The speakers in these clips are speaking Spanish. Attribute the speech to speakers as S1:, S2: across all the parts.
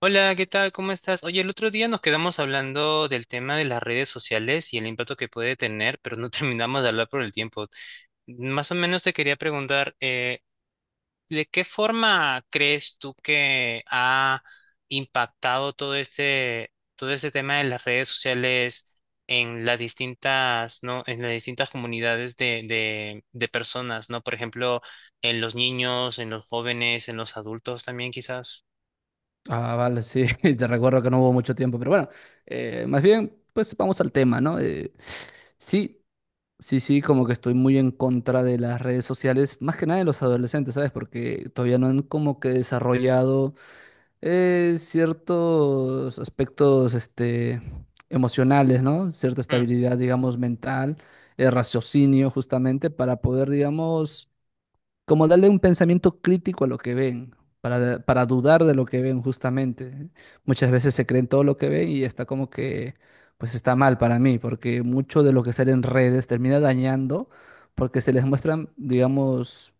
S1: Hola, ¿qué tal? ¿Cómo estás? Oye, el otro día nos quedamos hablando del tema de las redes sociales y el impacto que puede tener, pero no terminamos de hablar por el tiempo. Más o menos te quería preguntar, ¿de qué forma crees tú que ha impactado todo este tema de las redes sociales en las distintas, ¿no? En las distintas comunidades de personas, ¿no? Por ejemplo, en los niños, en los jóvenes, en los adultos también quizás.
S2: Ah, vale, sí, te recuerdo que no hubo mucho tiempo, pero bueno, más bien, pues vamos al tema, ¿no? Sí, sí, como que estoy muy en contra de las redes sociales, más que nada de los adolescentes, ¿sabes? Porque todavía no han como que desarrollado ciertos aspectos, este, emocionales, ¿no? Cierta
S1: Mm,
S2: estabilidad, digamos, mental, raciocinio, justamente, para poder, digamos, como darle un pensamiento crítico a lo que ven, para dudar de lo que ven justamente. Muchas veces se creen todo lo que ven y está como que, pues está mal para mí, porque mucho de lo que sale en redes termina dañando, porque se les muestran, digamos,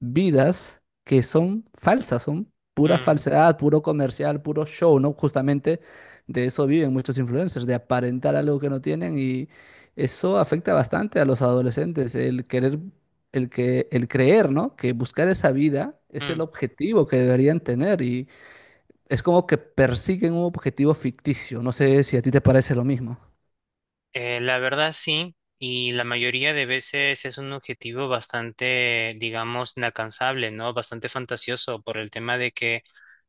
S2: vidas que son falsas, son pura
S1: mm,
S2: falsedad, puro comercial, puro show, ¿no? Justamente de eso viven muchos influencers, de aparentar algo que no tienen y eso afecta bastante a los adolescentes, el querer el creer, ¿no? Que buscar esa vida es
S1: mm.
S2: el objetivo que deberían tener y es como que persiguen un objetivo ficticio. No sé si a ti te parece lo mismo.
S1: La verdad sí, y la mayoría de veces es un objetivo bastante, digamos, inalcanzable, ¿no? Bastante fantasioso por el tema de que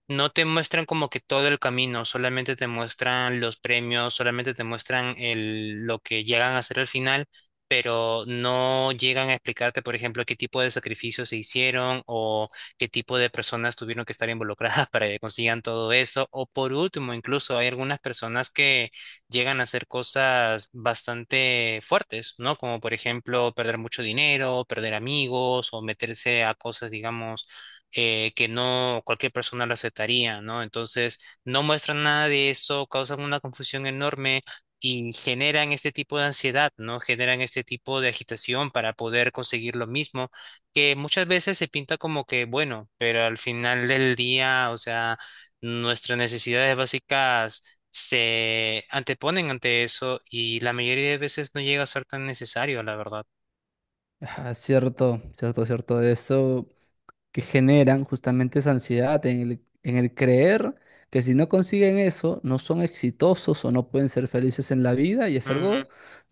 S1: no te muestran como que todo el camino, solamente te muestran los premios, solamente te muestran lo que llegan a hacer al final, pero no llegan a explicarte, por ejemplo, qué tipo de sacrificios se hicieron o qué tipo de personas tuvieron que estar involucradas para que consigan todo eso. O por último, incluso hay algunas personas que llegan a hacer cosas bastante fuertes, ¿no? Como por ejemplo perder mucho dinero, perder amigos o meterse a cosas, digamos, que no cualquier persona lo aceptaría, ¿no? Entonces, no muestran nada de eso, causan una confusión enorme y generan este tipo de ansiedad, ¿no? Generan este tipo de agitación para poder conseguir lo mismo, que muchas veces se pinta como que bueno, pero al final del día, o sea, nuestras necesidades básicas se anteponen ante eso y la mayoría de veces no llega a ser tan necesario, la verdad.
S2: Ah, cierto, cierto, cierto. Eso que generan justamente esa ansiedad en en el creer que si no consiguen eso, no son exitosos o no pueden ser felices en la vida y es
S1: Ujú,
S2: algo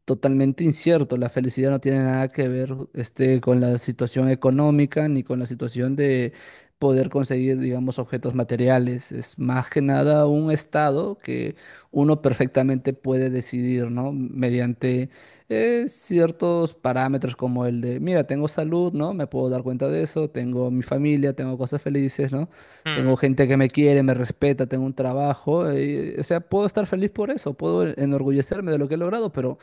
S2: totalmente incierto. La felicidad no tiene nada que ver este, con la situación económica ni con la situación de poder conseguir, digamos, objetos materiales. Es más que nada un estado que uno perfectamente puede decidir, ¿no? Mediante ciertos parámetros como el de, mira, tengo salud, ¿no? Me puedo dar cuenta de eso, tengo mi familia, tengo cosas felices, ¿no? Tengo
S1: ujú,
S2: gente que me quiere, me respeta, tengo un trabajo, o sea, puedo estar feliz por eso, puedo enorgullecerme de lo que he logrado, pero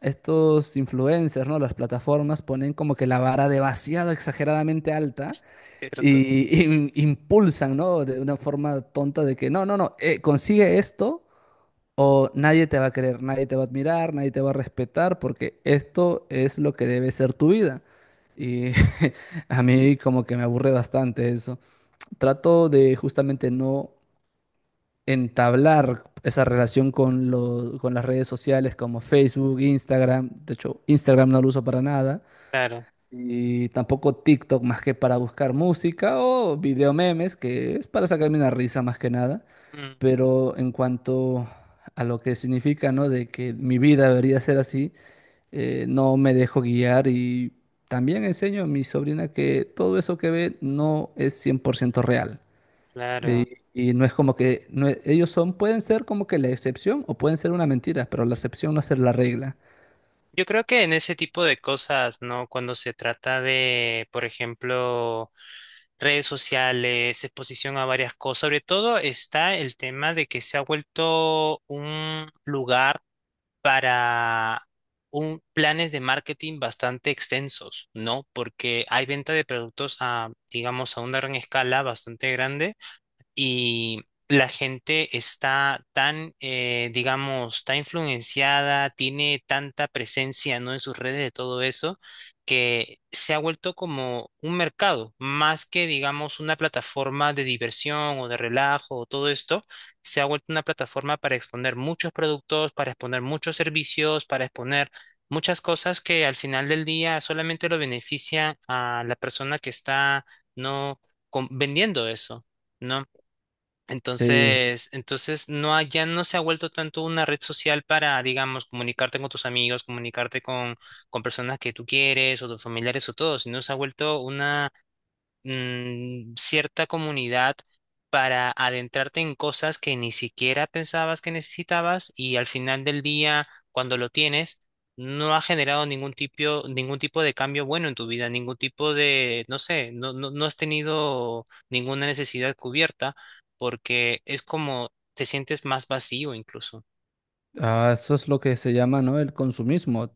S2: estos influencers, ¿no? Las plataformas ponen como que la vara demasiado exageradamente alta
S1: cierto,
S2: y impulsan, ¿no? De una forma tonta de que, no, no, no, consigue esto o nadie te va a querer, nadie te va a admirar, nadie te va a respetar, porque esto es lo que debe ser tu vida. Y a mí como que me aburre bastante eso. Trato de justamente no entablar esa relación con con las redes sociales como Facebook, Instagram. De hecho, Instagram no lo uso para nada.
S1: claro,
S2: Y tampoco TikTok más que para buscar música o video memes, que es para sacarme una risa más que nada.
S1: mm,
S2: Pero en cuanto a lo que significa, ¿no? De que mi vida debería ser así, no me dejo guiar y también enseño a mi sobrina que todo eso que ve no es 100% real.
S1: claro.
S2: Y no es como que no ellos son, pueden ser como que la excepción o pueden ser una mentira, pero la excepción no es la regla.
S1: Yo creo que en ese tipo de cosas, ¿no? Cuando se trata de, por ejemplo, redes sociales, exposición a varias cosas, sobre todo está el tema de que se ha vuelto un lugar para planes de marketing bastante extensos, ¿no? Porque hay venta de productos a, digamos, a una gran escala bastante grande y la gente está tan, digamos, tan influenciada, tiene tanta presencia, ¿no? En sus redes de todo eso, que se ha vuelto como un mercado, más que, digamos, una plataforma de diversión o de relajo o todo esto, se ha vuelto una plataforma para exponer muchos productos, para exponer muchos servicios, para exponer muchas cosas que al final del día solamente lo beneficia a la persona que está, ¿no? Com- vendiendo eso. ¿No?
S2: Sí.
S1: Entonces no ha- ya no se ha vuelto tanto una red social para, digamos, comunicarte con tus amigos, comunicarte con personas que tú quieres o tus familiares o todo, sino se ha vuelto, mm, cierta comunidad para adentrarte en cosas que ni siquiera pensabas que necesitabas y al final del día, cuando lo tienes, no ha generado ningún tipo de cambio bueno en tu vida, ningún tipo de, no sé, no has tenido ninguna necesidad cubierta porque es como te sientes más vacío incluso.
S2: Ah, eso es lo que se llama, ¿no? El consumismo.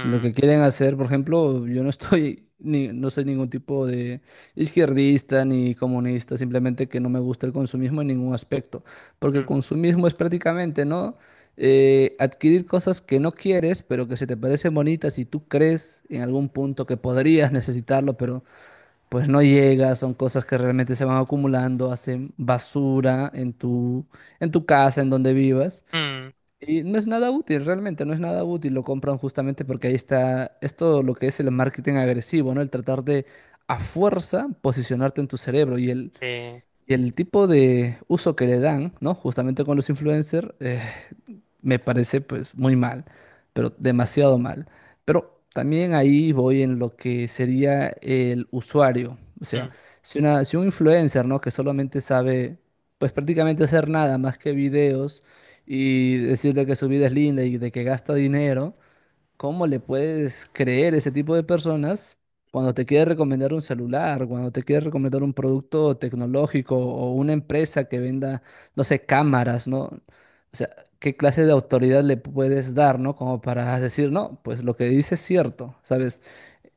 S2: Lo que quieren hacer, por ejemplo, yo no estoy, ni, no soy ningún tipo de izquierdista ni comunista, simplemente que no me gusta el consumismo en ningún aspecto, porque el
S1: mm,
S2: consumismo es prácticamente, ¿no? Adquirir cosas que no quieres, pero que se te parecen bonitas y tú crees en algún punto que podrías necesitarlo, pero pues no llega, son cosas que realmente se van acumulando, hacen basura en tu casa, en donde vivas.
S1: mm,
S2: Y no es nada útil, realmente, no es nada útil. Lo compran justamente porque ahí está, es todo lo que es el marketing agresivo, ¿no? El tratar de a fuerza posicionarte en tu cerebro. Y
S1: eh,
S2: y el tipo de uso que le dan, ¿no? Justamente con los influencers, me parece pues muy mal, pero demasiado mal. Pero también ahí voy en lo que sería el usuario. O sea,
S1: mm,
S2: si un influencer, ¿no? Que solamente sabe pues prácticamente hacer nada más que videos y decirle que su vida es linda y de que gasta dinero, ¿cómo le puedes creer a ese tipo de personas cuando te quiere recomendar un celular, cuando te quiere recomendar un producto tecnológico o una empresa que venda, no sé, cámaras, ¿no? O sea, ¿qué clase de autoridad le puedes dar, ¿no? Como para decir, no, pues lo que dice es cierto, ¿sabes?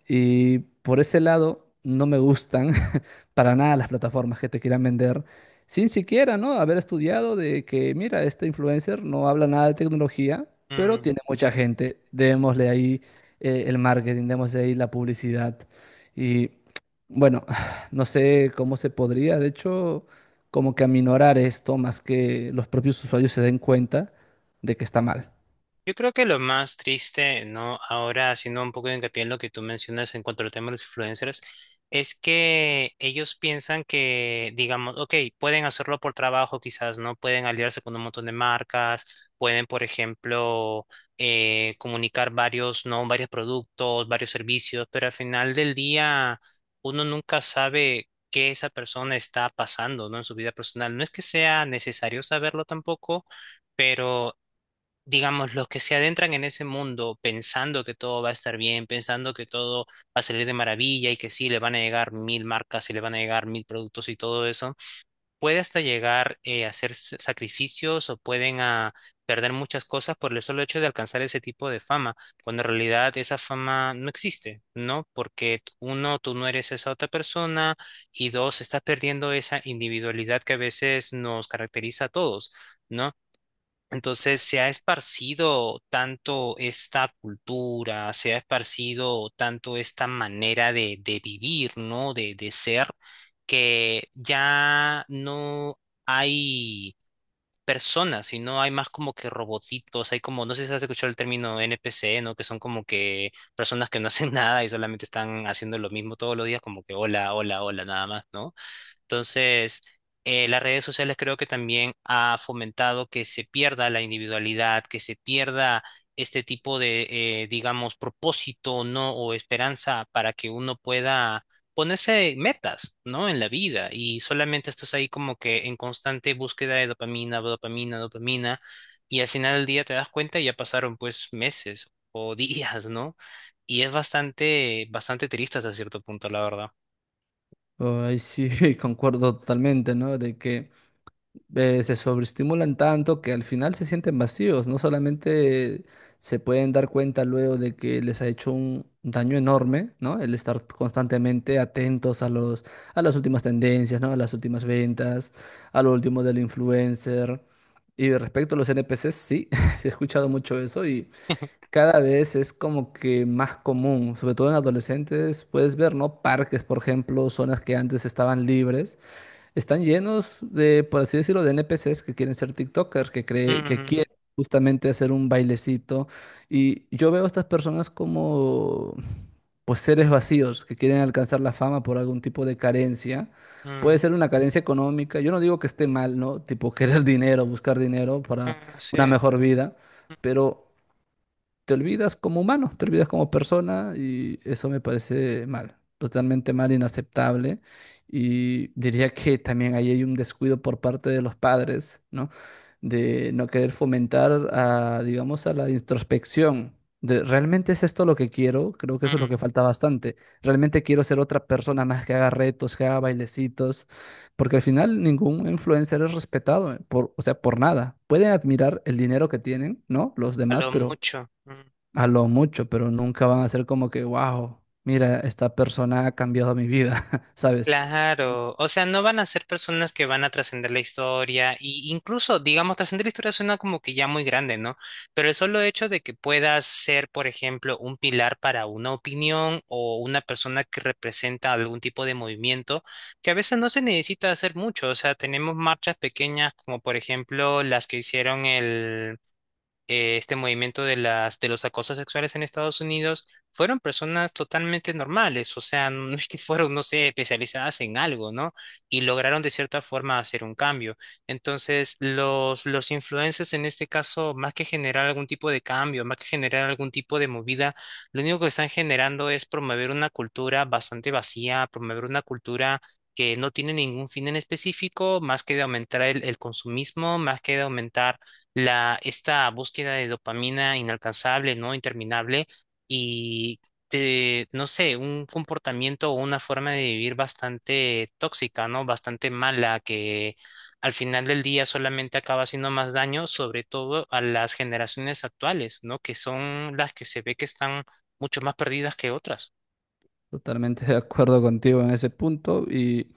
S2: Y por ese lado, no me gustan para nada las plataformas que te quieran vender sin siquiera, ¿no? Haber estudiado de que, mira, este influencer no habla nada de tecnología, pero
S1: mm.
S2: tiene mucha gente. Démosle ahí el marketing, démosle ahí la publicidad. Y bueno, no sé cómo se podría, de hecho, como que aminorar esto más que los propios usuarios se den cuenta de que está mal.
S1: Yo creo que lo más triste, ¿no? Ahora haciendo un poco de hincapié en lo que tú mencionas en cuanto al tema de los influencers, es que ellos piensan que, digamos, ok, pueden hacerlo por trabajo quizás, ¿no? Pueden aliarse con un montón de marcas, pueden, por ejemplo, comunicar varios, ¿no? Varios productos, varios servicios, pero al final del día uno nunca sabe qué esa persona está pasando, ¿no? En su vida personal. No es que sea necesario saberlo tampoco. Pero digamos, los que se adentran en ese mundo pensando que todo va a estar bien, pensando que todo va a salir de maravilla y que sí, le van a llegar mil marcas y le van a llegar mil productos y todo eso, puede hasta llegar, a hacer s- sacrificios o pueden a perder muchas cosas por el solo hecho de alcanzar ese tipo de fama, cuando en realidad esa fama no existe, ¿no? Porque t- uno, tú no eres esa otra persona y dos, estás perdiendo esa individualidad que a veces nos caracteriza a todos. ¿No? Entonces se ha esparcido tanto esta cultura, se ha esparcido tanto esta manera de vivir, ¿no? De ser, que ya no hay personas, sino hay más como que robotitos, hay como, no sé si has escuchado el término NPC, ¿no? Que son como que personas que no hacen nada y solamente están haciendo lo mismo todos los días, como que hola, hola, hola, nada más, ¿no? Entonces, las redes sociales creo que también ha fomentado que se pierda la individualidad, que se pierda este tipo de, digamos, propósito, ¿no? O esperanza para que uno pueda ponerse metas, ¿no? En la vida y solamente estás ahí como que en constante búsqueda de dopamina, dopamina, dopamina y al final del día te das cuenta y ya pasaron pues meses o días, ¿no? Y es bastante, bastante triste hasta cierto punto, la verdad.
S2: Ay, sí, concuerdo totalmente, ¿no? De que… se sobreestimulan tanto que al final se sienten vacíos. No solamente se pueden dar cuenta luego de que les ha hecho un daño enorme, ¿no? El estar constantemente atentos a a las últimas tendencias, ¿no? A las últimas ventas, a lo último del influencer. Y respecto a los NPCs, sí, sí he escuchado mucho eso y cada vez es como que más común, sobre todo en adolescentes, puedes ver, ¿no? Parques, por ejemplo, zonas que antes estaban libres están llenos de, por así decirlo, de NPCs que quieren ser TikTokers, que
S1: Mm,
S2: quieren justamente hacer un bailecito. Y yo veo a estas personas como pues seres vacíos que quieren alcanzar la fama por algún tipo de carencia.
S1: mm.
S2: Puede ser una carencia económica. Yo no digo que esté mal, ¿no? Tipo querer dinero, buscar dinero para
S1: Mm,
S2: una
S1: sí.
S2: mejor vida,
S1: Mm,
S2: pero te olvidas como humano, te olvidas como persona y eso me parece mal, totalmente mal, inaceptable. Y diría que también ahí hay un descuido por parte de los padres, ¿no? De no querer fomentar a, digamos, a la introspección. De, ¿realmente es esto lo que quiero? Creo que eso es lo
S1: mm,
S2: que falta bastante. Realmente quiero ser otra persona más que haga retos, que haga bailecitos, porque al final ningún influencer es respetado por, o sea, por nada. Pueden admirar el dinero que tienen, ¿no? Los
S1: a
S2: demás,
S1: lo
S2: pero
S1: mucho. Mm,
S2: a lo mucho, pero nunca van a ser como que, wow, mira, esta persona ha cambiado mi vida, ¿sabes?
S1: claro. O sea, no van a ser personas que van a trascender la historia. Y incluso, digamos, trascender la historia suena como que ya muy grande, ¿no? Pero el solo hecho de que puedas ser, por ejemplo, un pilar para una opinión o una persona que representa algún tipo de movimiento, que a veces no se necesita hacer mucho. O sea, tenemos marchas pequeñas como, por ejemplo, las que hicieron el, este movimiento de las de los acosos sexuales en Estados Unidos fueron personas totalmente normales, o sea, no es que fueron, no sé, especializadas en algo, ¿no? Y lograron de cierta forma hacer un cambio. Entonces, los influencers en este caso, más que generar algún tipo de cambio, más que generar algún tipo de movida, lo único que están generando es promover una cultura bastante vacía, promover una cultura que no tiene ningún fin en específico, más que de aumentar el consumismo, más que de aumentar la, esta búsqueda de dopamina inalcanzable, ¿no? Interminable y te- no sé, un comportamiento o una forma de vivir bastante tóxica, ¿no? Bastante mala que al final del día solamente acaba haciendo más daño, sobre todo a las generaciones actuales, ¿no? Que son las que se ve que están mucho más perdidas que otras.
S2: Totalmente de acuerdo contigo en ese punto y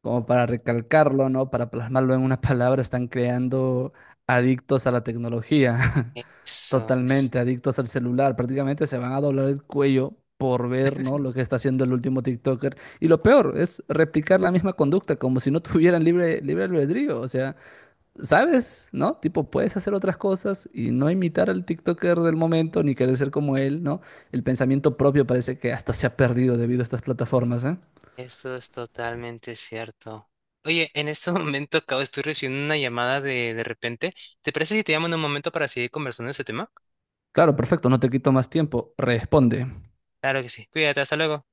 S2: como para recalcarlo, ¿no? Para plasmarlo en una palabra, están creando adictos a la tecnología,
S1: Eso es.
S2: totalmente adictos al celular, prácticamente se van a doblar el cuello por ver, ¿no? Lo que está haciendo el último TikToker. Y lo peor es replicar la misma conducta, como si no tuvieran libre albedrío. O sea, ¿sabes? ¿No? Tipo, puedes hacer otras cosas y no imitar al TikToker del momento ni querer ser como él, ¿no? El pensamiento propio parece que hasta se ha perdido debido a estas plataformas, ¿eh?
S1: Eso es totalmente cierto. Oye, en este momento acabo, estoy recibiendo una llamada de repente. ¿Te parece si te llamo en un momento para seguir conversando de este tema?
S2: Claro, perfecto, no te quito más tiempo. Responde.
S1: Claro que sí. Cuídate, hasta luego.